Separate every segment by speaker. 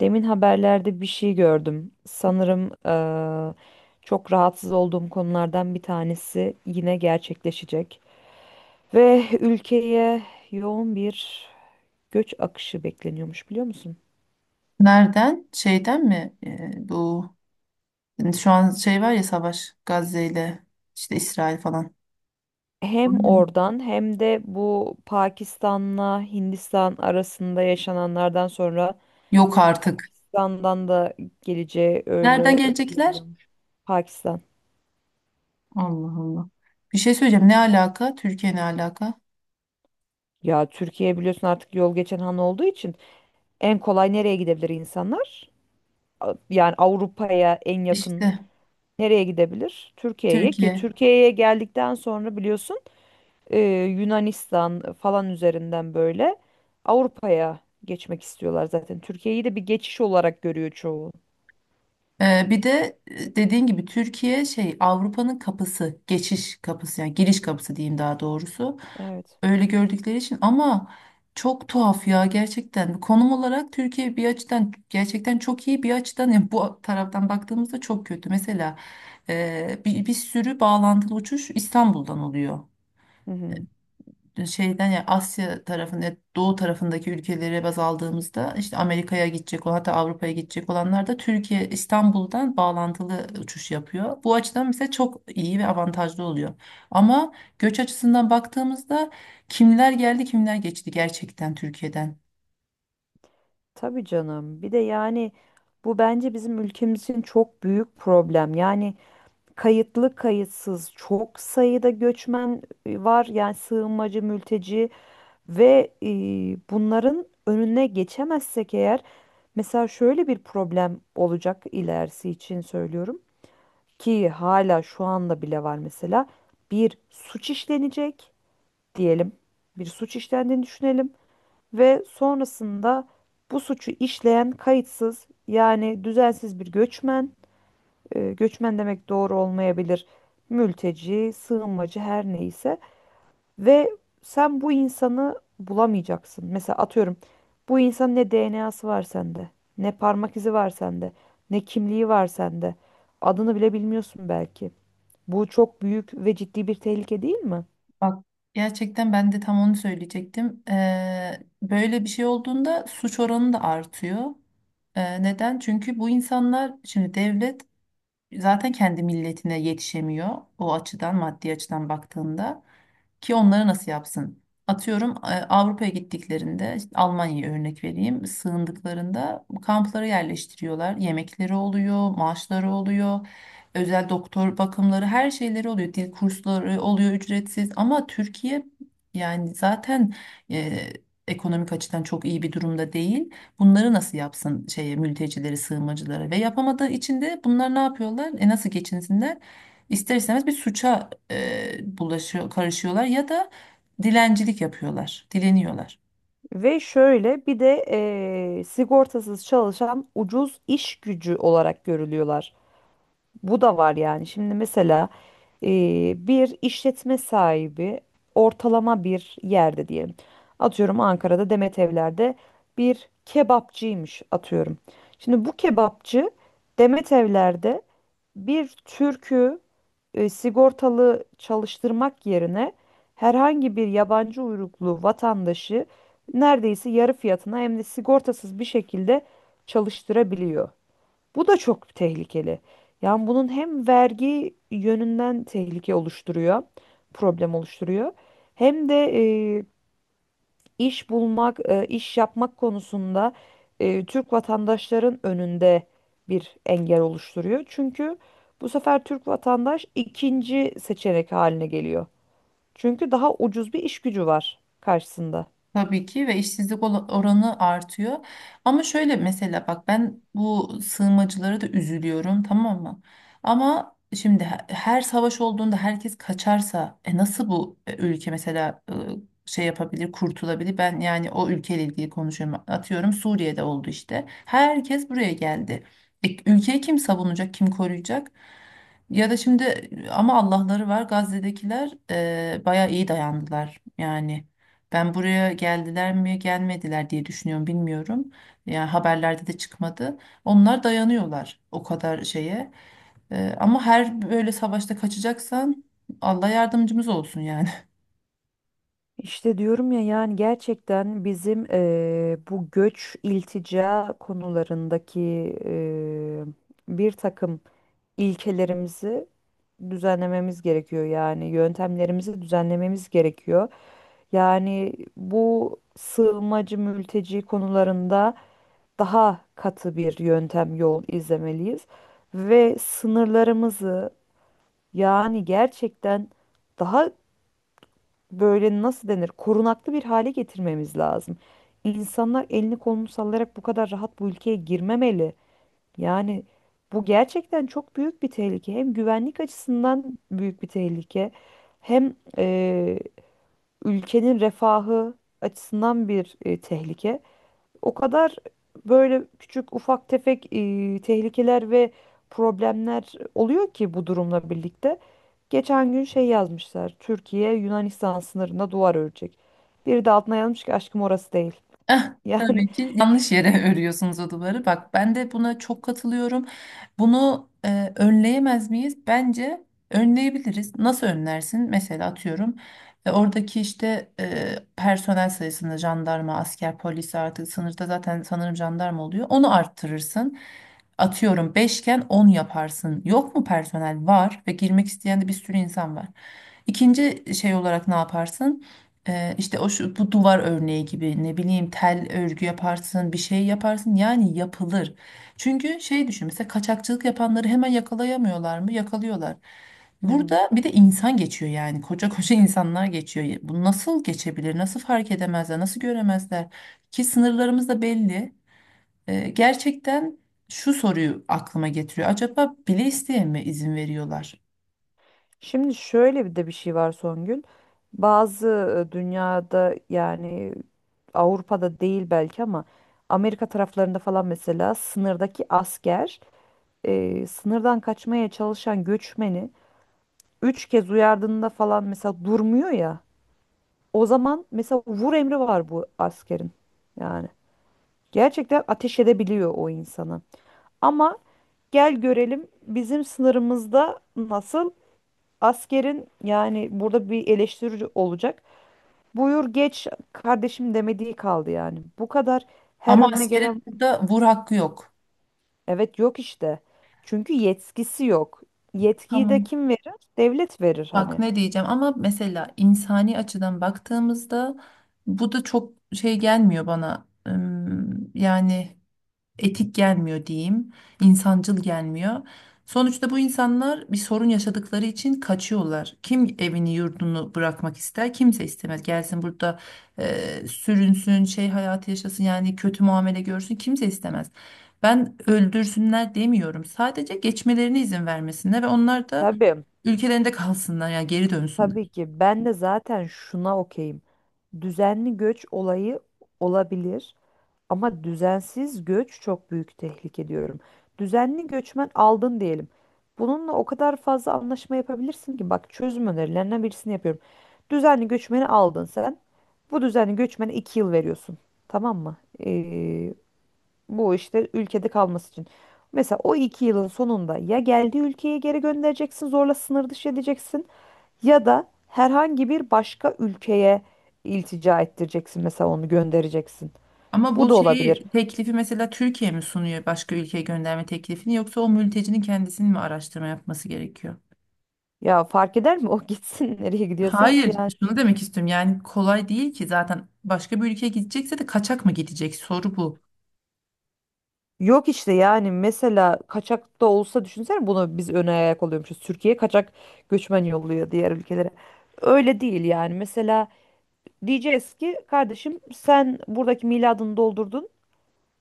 Speaker 1: Demin haberlerde bir şey gördüm. Sanırım çok rahatsız olduğum konulardan bir tanesi yine gerçekleşecek. Ve ülkeye yoğun bir göç akışı bekleniyormuş, biliyor musun?
Speaker 2: Nereden? Şeyden mi? Bu hani şu an şey var ya savaş Gazze ile işte İsrail falan.
Speaker 1: Hem
Speaker 2: Aynen.
Speaker 1: oradan hem de bu Pakistan'la Hindistan arasında yaşananlardan sonra
Speaker 2: Yok artık.
Speaker 1: Hindistan'dan da geleceği
Speaker 2: Nereden
Speaker 1: öyle
Speaker 2: gelecekler?
Speaker 1: öngörülüyormuş. Pakistan.
Speaker 2: Allah Allah. Bir şey söyleyeceğim. Ne alaka? Türkiye ne alaka?
Speaker 1: Ya Türkiye biliyorsun artık yol geçen han olduğu için en kolay nereye gidebilir insanlar? Yani Avrupa'ya en yakın
Speaker 2: İşte
Speaker 1: nereye gidebilir? Türkiye'ye, ki
Speaker 2: Türkiye.
Speaker 1: Türkiye'ye geldikten sonra biliyorsun, e, Yunanistan falan üzerinden böyle Avrupa'ya geçmek istiyorlar zaten. Türkiye'yi de bir geçiş olarak görüyor çoğu.
Speaker 2: Bir de dediğin gibi Türkiye şey Avrupa'nın kapısı, geçiş kapısı yani giriş kapısı diyeyim daha doğrusu.
Speaker 1: Evet.
Speaker 2: Öyle gördükleri için ama çok tuhaf ya gerçekten. Konum olarak Türkiye bir açıdan gerçekten çok iyi bir açıdan yani bu taraftan baktığımızda çok kötü. Mesela bir sürü bağlantılı uçuş İstanbul'dan oluyor
Speaker 1: Hı hı.
Speaker 2: şeyden ya Asya tarafında doğu tarafındaki ülkelere baz aldığımızda işte Amerika'ya gidecek olan, hatta Avrupa'ya gidecek olanlar da Türkiye İstanbul'dan bağlantılı uçuş yapıyor. Bu açıdan mesela çok iyi ve avantajlı oluyor. Ama göç açısından baktığımızda kimler geldi kimler geçti gerçekten Türkiye'den.
Speaker 1: Tabii canım. Bir de yani bu bence bizim ülkemizin çok büyük problem. Yani kayıtlı kayıtsız çok sayıda göçmen var. Yani sığınmacı, mülteci. Ve bunların önüne geçemezsek eğer, mesela şöyle bir problem olacak, ilerisi için söylüyorum ki hala şu anda bile var mesela. Bir suç işlenecek diyelim, bir suç işlendiğini düşünelim ve sonrasında bu suçu işleyen kayıtsız, yani düzensiz bir göçmen, göçmen demek doğru olmayabilir, mülteci sığınmacı her neyse, ve sen bu insanı bulamayacaksın. Mesela atıyorum, bu insanın ne DNA'sı var sende, ne parmak izi var sende, ne kimliği var sende. Adını bile bilmiyorsun belki. Bu çok büyük ve ciddi bir tehlike değil mi?
Speaker 2: Bak gerçekten ben de tam onu söyleyecektim. Böyle bir şey olduğunda suç oranı da artıyor. Neden? Çünkü bu insanlar şimdi devlet zaten kendi milletine yetişemiyor o açıdan maddi açıdan baktığında ki onları nasıl yapsın? Atıyorum Avrupa'ya gittiklerinde işte Almanya'ya örnek vereyim sığındıklarında kamplara yerleştiriyorlar yemekleri oluyor maaşları oluyor. Özel doktor bakımları her şeyleri oluyor. Dil kursları oluyor ücretsiz ama Türkiye yani zaten e, ekonomik açıdan çok iyi bir durumda değil. Bunları nasıl yapsın şeye mültecileri, sığınmacıları ve yapamadığı için de bunlar ne yapıyorlar? E nasıl geçinsinler? İster istemez bir suça bulaşıyor, karışıyorlar ya da dilencilik yapıyorlar, dileniyorlar.
Speaker 1: Ve şöyle bir de sigortasız çalışan ucuz iş gücü olarak görülüyorlar. Bu da var yani. Şimdi mesela bir işletme sahibi ortalama bir yerde diyelim. Atıyorum, Ankara'da Demet Evler'de bir kebapçıymış atıyorum. Şimdi bu kebapçı Demet Evler'de bir Türk'ü sigortalı çalıştırmak yerine herhangi bir yabancı uyruklu vatandaşı neredeyse yarı fiyatına hem de sigortasız bir şekilde çalıştırabiliyor. Bu da çok tehlikeli. Yani bunun hem vergi yönünden tehlike oluşturuyor, problem oluşturuyor. Hem de e, iş bulmak, iş yapmak konusunda Türk vatandaşların önünde bir engel oluşturuyor. Çünkü bu sefer Türk vatandaş ikinci seçenek haline geliyor. Çünkü daha ucuz bir iş gücü var karşısında.
Speaker 2: Tabii ki ve işsizlik oranı artıyor. Ama şöyle mesela bak ben bu sığınmacılara da üzülüyorum tamam mı? Ama şimdi her savaş olduğunda herkes kaçarsa e nasıl bu ülke mesela şey yapabilir, kurtulabilir? Ben yani o ülkeyle ilgili konuşuyorum. Atıyorum Suriye'de oldu işte. Herkes buraya geldi. Ülkeyi kim savunacak, kim koruyacak? Ya da şimdi ama Allah'ları var Gazze'dekiler bayağı iyi dayandılar yani. Ben buraya geldiler mi gelmediler diye düşünüyorum bilmiyorum. Yani haberlerde de çıkmadı. Onlar dayanıyorlar o kadar şeye. Ama her böyle savaşta kaçacaksan Allah yardımcımız olsun yani.
Speaker 1: İşte diyorum ya, yani gerçekten bizim bu göç iltica konularındaki eee, bir takım ilkelerimizi düzenlememiz gerekiyor. Yani yöntemlerimizi düzenlememiz gerekiyor. Yani bu sığınmacı mülteci konularında daha katı bir yöntem yol izlemeliyiz ve sınırlarımızı, yani gerçekten daha böyle, nasıl denir, korunaklı bir hale getirmemiz lazım. İnsanlar elini kolunu sallayarak bu kadar rahat bu ülkeye girmemeli. Yani bu gerçekten çok büyük bir tehlike. Hem güvenlik açısından büyük bir tehlike, hem ülkenin refahı açısından bir tehlike. O kadar böyle küçük ufak tefek tehlikeler ve problemler oluyor ki bu durumla birlikte. Geçen gün şey yazmışlar. Türkiye Yunanistan sınırında duvar örecek. Biri de altına yazmış ki aşkım orası değil.
Speaker 2: Eh,
Speaker 1: Yani.
Speaker 2: Tabii ki yanlış yere örüyorsunuz o duvarı. Bak ben de buna çok katılıyorum. Bunu önleyemez miyiz? Bence önleyebiliriz. Nasıl önlersin? Mesela atıyorum oradaki işte personel sayısını jandarma, asker, polis artık sınırda zaten sanırım jandarma oluyor. Onu arttırırsın. Atıyorum beşken 10 yaparsın. Yok mu personel? Var ve girmek isteyen de bir sürü insan var. İkinci şey olarak ne yaparsın? İşte o şu, bu duvar örneği gibi ne bileyim tel örgü yaparsın bir şey yaparsın yani yapılır. Çünkü şey düşün mesela kaçakçılık yapanları hemen yakalayamıyorlar mı? Yakalıyorlar.
Speaker 1: Hı hı.
Speaker 2: Burada bir de insan geçiyor yani koca koca insanlar geçiyor. Bu nasıl geçebilir? Nasıl fark edemezler? Nasıl göremezler? Ki sınırlarımız da belli. Gerçekten şu soruyu aklıma getiriyor. Acaba bile isteye mi izin veriyorlar?
Speaker 1: Şimdi şöyle bir de bir şey var Songül. Bazı dünyada, yani Avrupa'da değil belki ama Amerika taraflarında falan, mesela sınırdaki asker, sınırdan kaçmaya çalışan göçmeni üç kez uyardığında falan mesela durmuyor ya. O zaman mesela vur emri var bu askerin. Yani gerçekten ateş edebiliyor o insanı. Ama gel görelim bizim sınırımızda nasıl askerin, yani burada bir eleştiri olacak. Buyur geç kardeşim demediği kaldı yani. Bu kadar her
Speaker 2: Ama
Speaker 1: önüne
Speaker 2: askerin
Speaker 1: gelen
Speaker 2: burada vur hakkı yok.
Speaker 1: evet yok işte. Çünkü yetkisi yok. Yetkiyi de
Speaker 2: Tamam.
Speaker 1: kim verir? Devlet verir
Speaker 2: Bak
Speaker 1: hani.
Speaker 2: ne diyeceğim ama mesela insani açıdan baktığımızda bu da çok şey gelmiyor bana. Yani etik gelmiyor diyeyim, insancıl gelmiyor. Sonuçta bu insanlar bir sorun yaşadıkları için kaçıyorlar. Kim evini yurdunu bırakmak ister? Kimse istemez. Gelsin burada sürünsün, şey hayatı yaşasın yani kötü muamele görsün kimse istemez. Ben öldürsünler demiyorum. Sadece geçmelerine izin vermesinler ve onlar da
Speaker 1: Tabii.
Speaker 2: ülkelerinde kalsınlar yani geri
Speaker 1: Tabii
Speaker 2: dönsünler.
Speaker 1: ki ben de zaten şuna okeyim. Düzenli göç olayı olabilir, ama düzensiz göç çok büyük tehlike diyorum. Düzenli göçmen aldın diyelim. Bununla o kadar fazla anlaşma yapabilirsin ki, bak, çözüm önerilerinden birisini yapıyorum. Düzenli göçmeni aldın sen. Bu düzenli göçmene iki yıl veriyorsun. Tamam mı? Ee, Bu işte ülkede kalması için. Mesela o iki yılın sonunda ya geldiği ülkeye geri göndereceksin, zorla sınır dışı edeceksin, ya da herhangi bir başka ülkeye iltica ettireceksin, mesela onu göndereceksin.
Speaker 2: Ama
Speaker 1: Bu da
Speaker 2: bu
Speaker 1: olabilir.
Speaker 2: şeyi teklifi mesela Türkiye mi sunuyor başka ülkeye gönderme teklifini yoksa o mültecinin kendisinin mi araştırma yapması gerekiyor?
Speaker 1: Ya fark eder mi o, gitsin nereye gidiyorsa
Speaker 2: Hayır,
Speaker 1: yani.
Speaker 2: şunu demek istiyorum. Yani kolay değil ki zaten başka bir ülkeye gidecekse de kaçak mı gidecek? Soru bu.
Speaker 1: Yok işte, yani mesela kaçak da olsa düşünsene, bunu biz öne ayak oluyormuşuz. Türkiye kaçak göçmen yolluyor diğer ülkelere. Öyle değil yani. Mesela diyeceğiz ki kardeşim sen buradaki miladını doldurdun.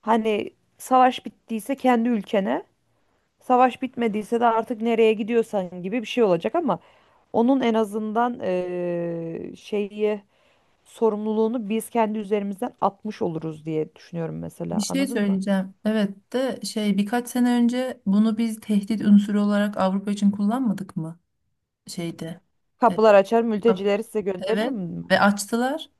Speaker 1: Hani savaş bittiyse kendi ülkene, savaş bitmediyse de artık nereye gidiyorsan gibi bir şey olacak. Ama onun en azından şeyi, sorumluluğunu biz kendi üzerimizden atmış oluruz diye düşünüyorum
Speaker 2: Bir
Speaker 1: mesela.
Speaker 2: şey
Speaker 1: Anladın mı?
Speaker 2: söyleyeceğim. Evet de şey birkaç sene önce bunu biz tehdit unsuru olarak Avrupa için kullanmadık mı? Şeyde. Evet.
Speaker 1: Kapılar açar,
Speaker 2: Tabii.
Speaker 1: mültecileri size gönderirim
Speaker 2: Evet.
Speaker 1: mi?
Speaker 2: Ve açtılar.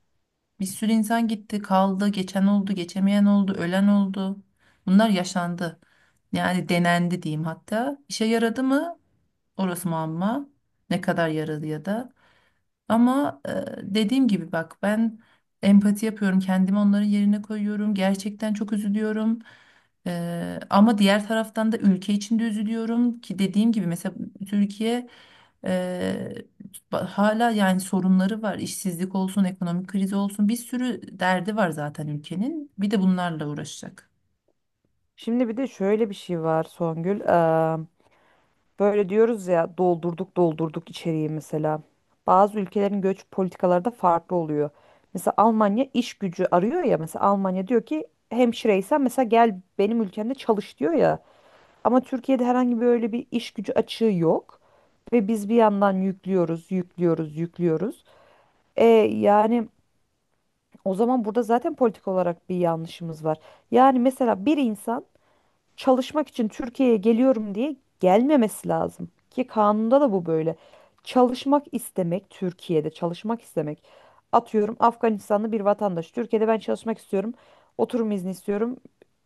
Speaker 2: Bir sürü insan gitti, kaldı, geçen oldu, geçemeyen oldu, ölen oldu. Bunlar yaşandı. Yani denendi diyeyim hatta. İşe yaradı mı? Orası muamma. Ne kadar yaradı ya da. Ama dediğim gibi bak ben empati yapıyorum. Kendimi onların yerine koyuyorum. Gerçekten çok üzülüyorum. Ama diğer taraftan da ülke içinde üzülüyorum ki dediğim gibi mesela Türkiye e, hala yani sorunları var. İşsizlik olsun, ekonomik kriz olsun bir sürü derdi var zaten ülkenin. Bir de bunlarla uğraşacak.
Speaker 1: Şimdi bir de şöyle bir şey var Songül. Böyle diyoruz ya, doldurduk doldurduk içeriği mesela. Bazı ülkelerin göç politikaları da farklı oluyor. Mesela Almanya iş gücü arıyor ya, mesela Almanya diyor ki hemşireysen mesela gel benim ülkemde çalış diyor ya. Ama Türkiye'de herhangi bir öyle bir iş gücü açığı yok. Ve biz bir yandan yüklüyoruz, yüklüyoruz, yüklüyoruz. E, Yani o zaman burada zaten politik olarak bir yanlışımız var. Yani mesela bir insan çalışmak için Türkiye'ye geliyorum diye gelmemesi lazım. Ki kanunda da bu böyle. Çalışmak istemek, Türkiye'de çalışmak istemek. Atıyorum Afganistanlı bir vatandaş. Türkiye'de ben çalışmak istiyorum, oturum izni istiyorum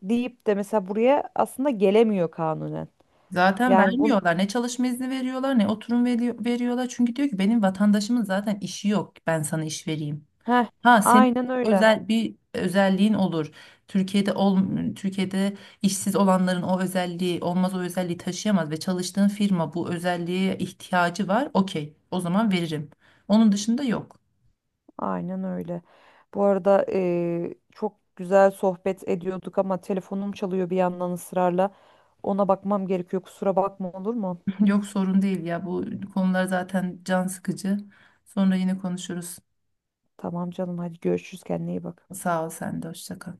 Speaker 1: deyip de mesela buraya aslında gelemiyor kanunen.
Speaker 2: Zaten
Speaker 1: Yani bunun,
Speaker 2: vermiyorlar. Ne çalışma izni veriyorlar ne oturum veriyorlar. Çünkü diyor ki benim vatandaşımın zaten işi yok. Ben sana iş vereyim.
Speaker 1: Heh,
Speaker 2: Ha senin
Speaker 1: aynen
Speaker 2: çok
Speaker 1: öyle.
Speaker 2: özel bir özelliğin olur. Türkiye'de ol, Türkiye'de işsiz olanların o özelliği olmaz o özelliği taşıyamaz ve çalıştığın firma bu özelliğe ihtiyacı var. Okey, o zaman veririm. Onun dışında yok.
Speaker 1: Aynen öyle. Bu arada çok güzel sohbet ediyorduk ama telefonum çalıyor bir yandan ısrarla. Ona bakmam gerekiyor. Kusura bakma, olur mu?
Speaker 2: Yok sorun değil ya bu konular zaten can sıkıcı. Sonra yine konuşuruz.
Speaker 1: Tamam canım, hadi görüşürüz, kendine iyi bak.
Speaker 2: Sağ ol sen de hoşça kal.